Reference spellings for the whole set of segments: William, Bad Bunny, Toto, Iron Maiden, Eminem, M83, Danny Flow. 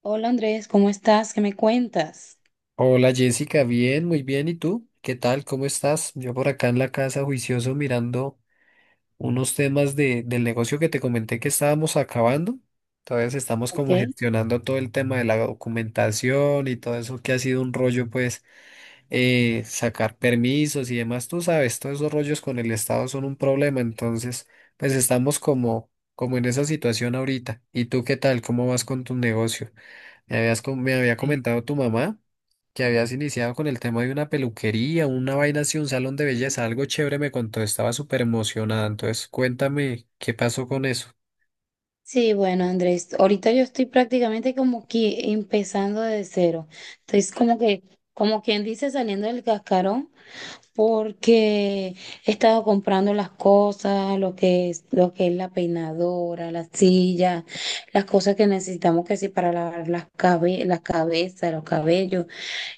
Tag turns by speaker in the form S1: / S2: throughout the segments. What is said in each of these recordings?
S1: Hola Andrés, ¿cómo estás? ¿Qué me cuentas?
S2: Hola Jessica, bien, muy bien. ¿Y tú? ¿Qué tal? ¿Cómo estás? Yo por acá en la casa juicioso mirando unos temas del negocio que te comenté que estábamos acabando. Entonces estamos
S1: Ok.
S2: como gestionando todo el tema de la documentación y todo eso que ha sido un rollo, sacar permisos y demás. Tú sabes, todos esos rollos con el Estado son un problema. Entonces, pues estamos como en esa situación ahorita. ¿Y tú qué tal? ¿Cómo vas con tu negocio? Me había comentado tu mamá que habías iniciado con el tema de una peluquería, una vaina así, un salón de belleza, algo chévere me contó, estaba súper emocionada. Entonces, cuéntame qué pasó con eso.
S1: Sí, bueno Andrés, ahorita yo estoy prácticamente como que empezando de cero. Entonces como que, como quien dice, saliendo del cascarón, porque he estado comprando las cosas, lo que es la peinadora, la silla, las cosas que necesitamos que sí para lavar las cabezas, los cabellos.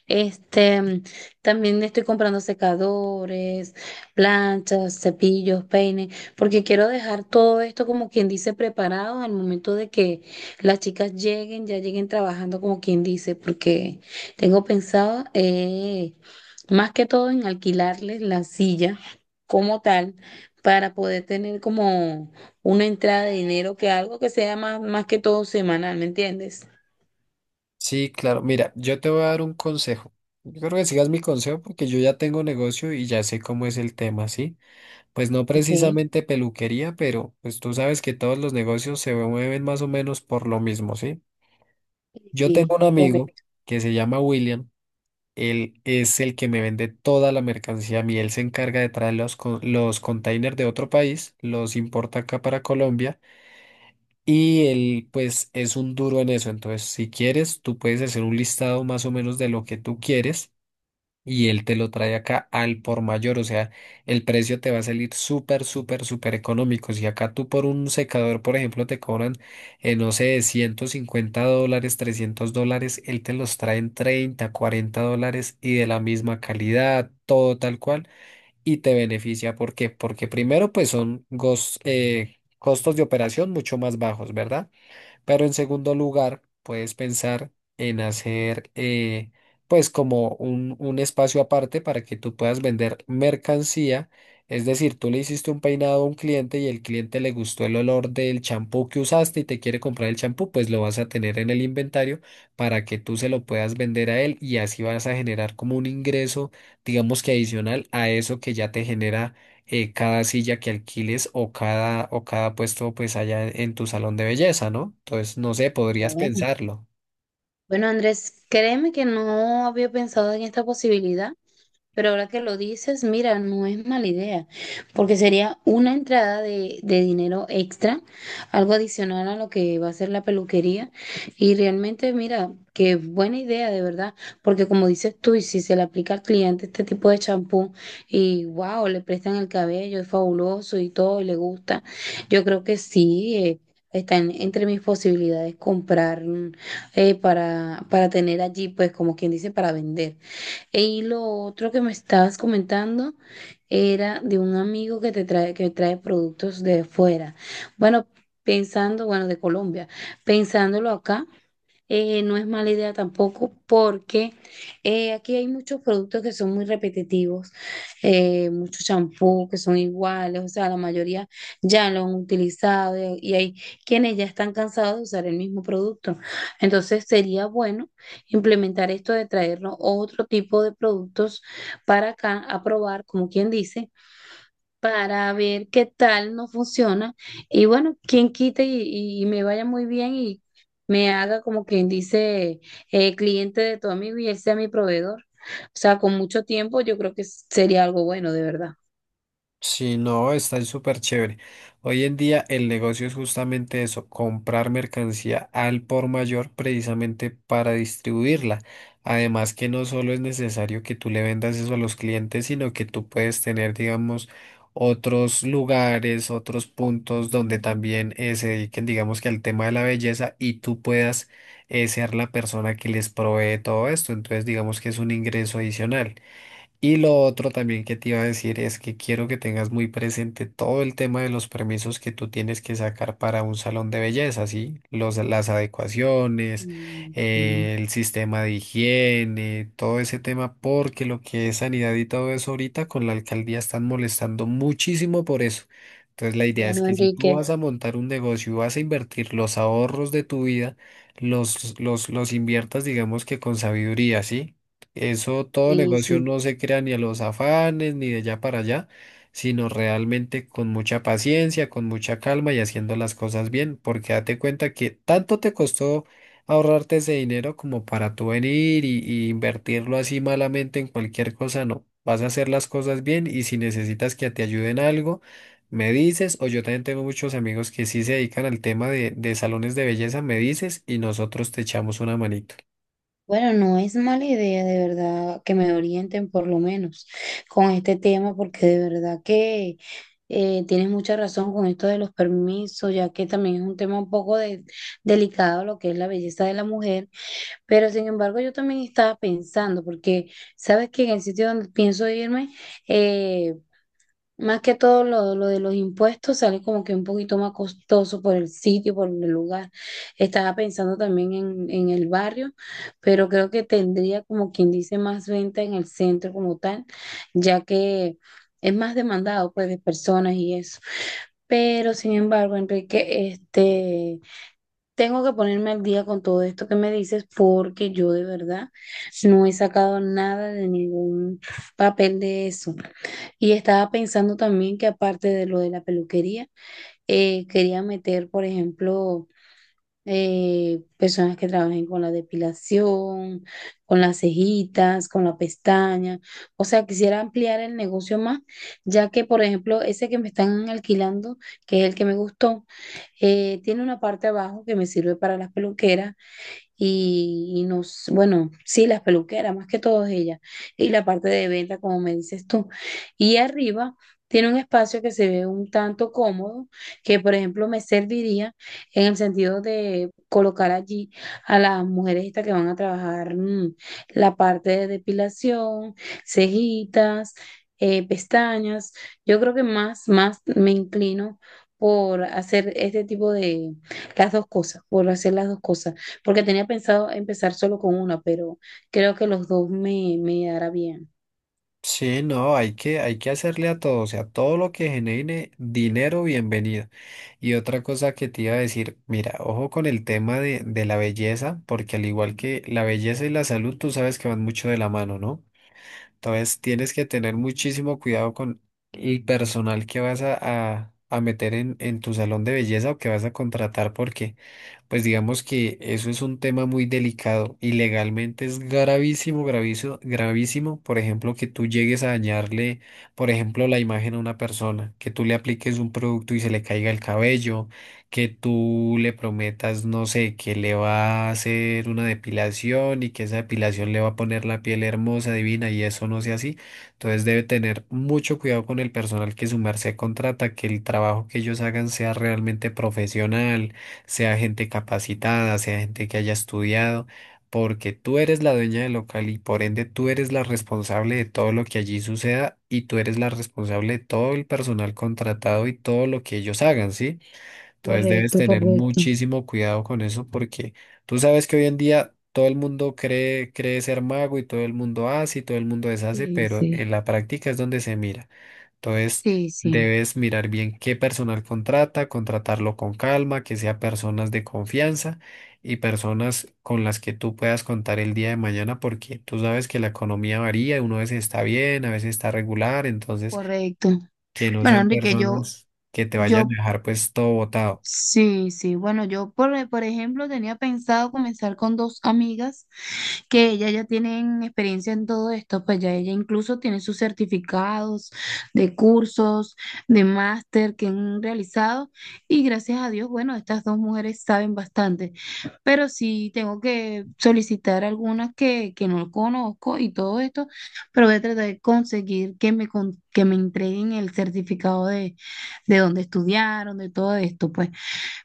S1: Este, también estoy comprando secadores, planchas, cepillos, peines, porque quiero dejar todo esto como quien dice preparado al momento de que las chicas lleguen, ya lleguen trabajando como quien dice, porque tengo pensado, más que todo en alquilarles la silla como tal para poder tener como una entrada de dinero que algo que sea más que todo semanal, ¿me entiendes?
S2: Sí, claro, mira, yo te voy a dar un consejo. Yo creo que sigas mi consejo porque yo ya tengo negocio y ya sé cómo es el tema, ¿sí? Pues no
S1: Ok.
S2: precisamente peluquería, pero pues tú sabes que todos los negocios se mueven más o menos por lo mismo, ¿sí? Yo tengo un
S1: Sí,
S2: amigo que se llama William. Él es el que me vende toda la mercancía a mí. Él se encarga de traer los containers de otro país, los importa acá para Colombia y él pues es un duro en eso. Entonces, si quieres, tú puedes hacer un listado más o menos de lo que tú quieres y él te lo trae acá al por mayor, o sea, el precio te va a salir súper, súper, súper económico. Si acá tú por un secador, por ejemplo, te cobran, no sé, $150, $300, él te los trae en 30, $40 y de la misma calidad, todo tal cual, y te beneficia. ¿Por qué? Porque primero, pues costos de operación mucho más bajos, ¿verdad? Pero en segundo lugar, puedes pensar en hacer pues como un espacio aparte para que tú puedas vender mercancía. Es decir, tú le hiciste un peinado a un cliente y el cliente le gustó el olor del champú que usaste y te quiere comprar el champú, pues lo vas a tener en el inventario para que tú se lo puedas vender a él y así vas a generar como un ingreso, digamos que adicional a eso que ya te genera cada silla que alquiles o cada puesto pues allá en tu salón de belleza, ¿no? Entonces, no sé, podrías
S1: correcto.
S2: pensarlo.
S1: Bueno, Andrés, créeme que no había pensado en esta posibilidad. Pero ahora que lo dices, mira, no es mala idea, porque sería una entrada de dinero extra, algo adicional a lo que va a ser la peluquería. Y realmente, mira, qué buena idea, de verdad, porque como dices tú, y si se le aplica al cliente este tipo de champú y wow, le prestan el cabello, es fabuloso y todo, y le gusta, yo creo que sí. Está entre mis posibilidades comprar, para tener allí, pues como quien dice, para vender. Y lo otro que me estabas comentando era de un amigo que trae productos de fuera. Bueno, pensando, bueno, de Colombia, pensándolo acá, no es mala idea tampoco porque aquí hay muchos productos que son muy repetitivos, muchos champús que son iguales, o sea, la mayoría ya lo han utilizado y hay quienes ya están cansados de usar el mismo producto. Entonces sería bueno implementar esto de traernos otro tipo de productos para acá a probar, como quien dice, para ver qué tal no funciona. Y bueno, quien quite y me vaya muy bien y me haga como quien dice, cliente de tu amigo y él sea mi proveedor. O sea, con mucho tiempo yo creo que sería algo bueno, de verdad.
S2: Sí, no, está súper chévere. Hoy en día el negocio es justamente eso, comprar mercancía al por mayor precisamente para distribuirla. Además que no solo es necesario que tú le vendas eso a los clientes, sino que tú puedes tener, digamos, otros lugares, otros puntos donde también se dediquen, digamos que al tema de la belleza y tú puedas ser la persona que les provee todo esto. Entonces, digamos que es un ingreso adicional. Y lo otro también que te iba a decir es que quiero que tengas muy presente todo el tema de los permisos que tú tienes que sacar para un salón de belleza, ¿sí? Las adecuaciones,
S1: Mm, sí.
S2: el sistema de higiene, todo ese tema, porque lo que es sanidad y todo eso ahorita con la alcaldía están molestando muchísimo por eso. Entonces la idea es
S1: Bueno,
S2: que si tú
S1: Enrique,
S2: vas a montar un negocio y vas a invertir los ahorros de tu vida, los inviertas, digamos que con sabiduría, ¿sí? Eso, todo
S1: y
S2: negocio
S1: sí.
S2: no se crea ni a los afanes, ni de allá para allá, sino realmente con mucha paciencia, con mucha calma y haciendo las cosas bien, porque date cuenta que tanto te costó ahorrarte ese dinero como para tú venir y invertirlo así malamente en cualquier cosa, no. Vas a hacer las cosas bien y si necesitas que te ayuden algo, me dices, o yo también tengo muchos amigos que sí se dedican al tema de salones de belleza, me dices y nosotros te echamos una manito.
S1: Bueno, no es mala idea de verdad que me orienten por lo menos con este tema, porque de verdad que tienes mucha razón con esto de los permisos, ya que también es un tema un poco delicado lo que es la belleza de la mujer, pero sin embargo yo también estaba pensando, porque sabes que en el sitio donde pienso irme, eh, más que todo lo de los impuestos sale como que un poquito más costoso por el sitio, por el lugar. Estaba pensando también en el barrio, pero creo que tendría como quien dice más venta en el centro como tal, ya que es más demandado pues de personas y eso. Pero sin embargo, Enrique, tengo que ponerme al día con todo esto que me dices porque yo de verdad no he sacado nada de ningún papel de eso. Y estaba pensando también que aparte de lo de la peluquería, quería meter, por ejemplo, personas que trabajen con la depilación, con las cejitas, con la pestaña. O sea, quisiera ampliar el negocio más, ya que, por ejemplo, ese que me están alquilando, que es el que me gustó, tiene una parte abajo que me sirve para las peluqueras bueno, sí, las peluqueras, más que todo ellas, y la parte de venta, como me dices tú. Y arriba tiene un espacio que se ve un tanto cómodo, que por ejemplo me serviría en el sentido de colocar allí a las mujeres estas que van a trabajar mm, la parte de depilación, cejitas, pestañas. Yo creo que más me inclino por hacer este tipo de las dos cosas, por hacer las dos cosas porque tenía pensado empezar solo con una, pero creo que los dos me hará bien.
S2: Sí, no, hay que hacerle a todo, o sea, todo lo que genere dinero, bienvenido. Y otra cosa que te iba a decir, mira, ojo con el tema de la belleza, porque al igual que la belleza y la salud, tú sabes que van mucho de la mano, ¿no? Entonces tienes que tener muchísimo cuidado con el personal que vas a meter en tu salón de belleza o que vas a contratar, porque pues digamos que eso es un tema muy delicado y legalmente es gravísimo, gravísimo, gravísimo, por ejemplo, que tú llegues a dañarle, por ejemplo, la imagen a una persona, que tú le apliques un producto y se le caiga el cabello, que tú le prometas, no sé, que le va a hacer una depilación y que esa depilación le va a poner la piel hermosa, divina y eso no sea así. Entonces debe tener mucho cuidado con el personal que su merced contrata, que el trabajo que ellos hagan sea realmente profesional, sea gente capacitada, sea gente que haya estudiado, porque tú eres la dueña del local y por ende tú eres la responsable de todo lo que allí suceda y tú eres la responsable de todo el personal contratado y todo lo que ellos hagan, ¿sí? Entonces debes
S1: Correcto,
S2: tener
S1: correcto.
S2: muchísimo cuidado con eso porque tú sabes que hoy en día todo el mundo cree ser mago y todo el mundo hace y todo el mundo deshace,
S1: Sí,
S2: pero
S1: sí,
S2: en la práctica es donde se mira. Entonces
S1: sí, sí,
S2: debes mirar bien qué personal contrata, contratarlo con calma, que sea personas de confianza y personas con las que tú puedas contar el día de mañana porque tú sabes que la economía varía, uno a veces está bien, a veces está regular, entonces
S1: correcto.
S2: que no
S1: Bueno,
S2: sean
S1: Enrique, yo,
S2: personas que te vayan
S1: yo
S2: a dejar pues todo botado.
S1: sí, sí. Bueno, por ejemplo, tenía pensado comenzar con dos amigas que ellas ya tienen experiencia en todo esto, pues ya ella incluso tiene sus certificados de cursos, de máster que han realizado y gracias a Dios, bueno, estas dos mujeres saben bastante, pero sí tengo que solicitar algunas que no conozco y todo esto, pero voy a tratar de conseguir que que me entreguen el certificado de dónde estudiaron, de todo esto, pues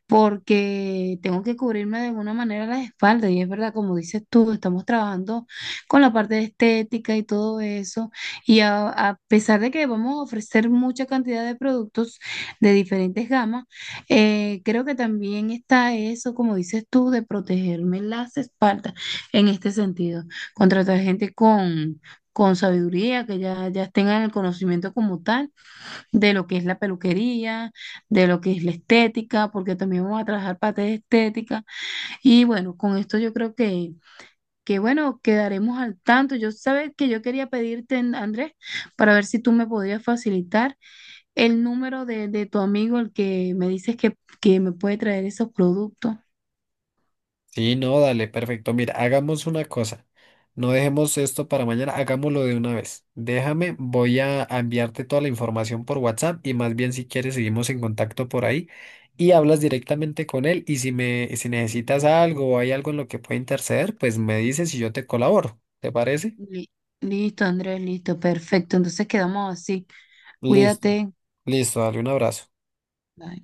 S1: porque tengo que cubrirme de alguna manera las espaldas y es verdad, como dices tú, estamos trabajando con la parte de estética y todo eso y a pesar de que vamos a ofrecer mucha cantidad de productos de diferentes gamas, creo que también está eso, como dices tú, de protegerme las espaldas en este sentido, contratar gente con sabiduría, ya tengan el conocimiento como tal de lo que es la peluquería, de lo que es la estética, porque también vamos a trabajar parte de estética. Y bueno, con esto yo creo que bueno, quedaremos al tanto. Yo sabes que yo quería pedirte, Andrés, para ver si tú me podías facilitar el número de tu amigo, el que me dices que me puede traer esos productos.
S2: Sí, no, dale, perfecto. Mira, hagamos una cosa. No dejemos esto para mañana, hagámoslo de una vez. Déjame, voy a enviarte toda la información por WhatsApp y más bien si quieres seguimos en contacto por ahí y hablas directamente con él y si necesitas algo o hay algo en lo que pueda interceder, pues me dices y yo te colaboro. ¿Te parece?
S1: Li- Listo, Andrés, listo, perfecto. Entonces quedamos así.
S2: Listo,
S1: Cuídate.
S2: listo, dale un abrazo.
S1: Bye.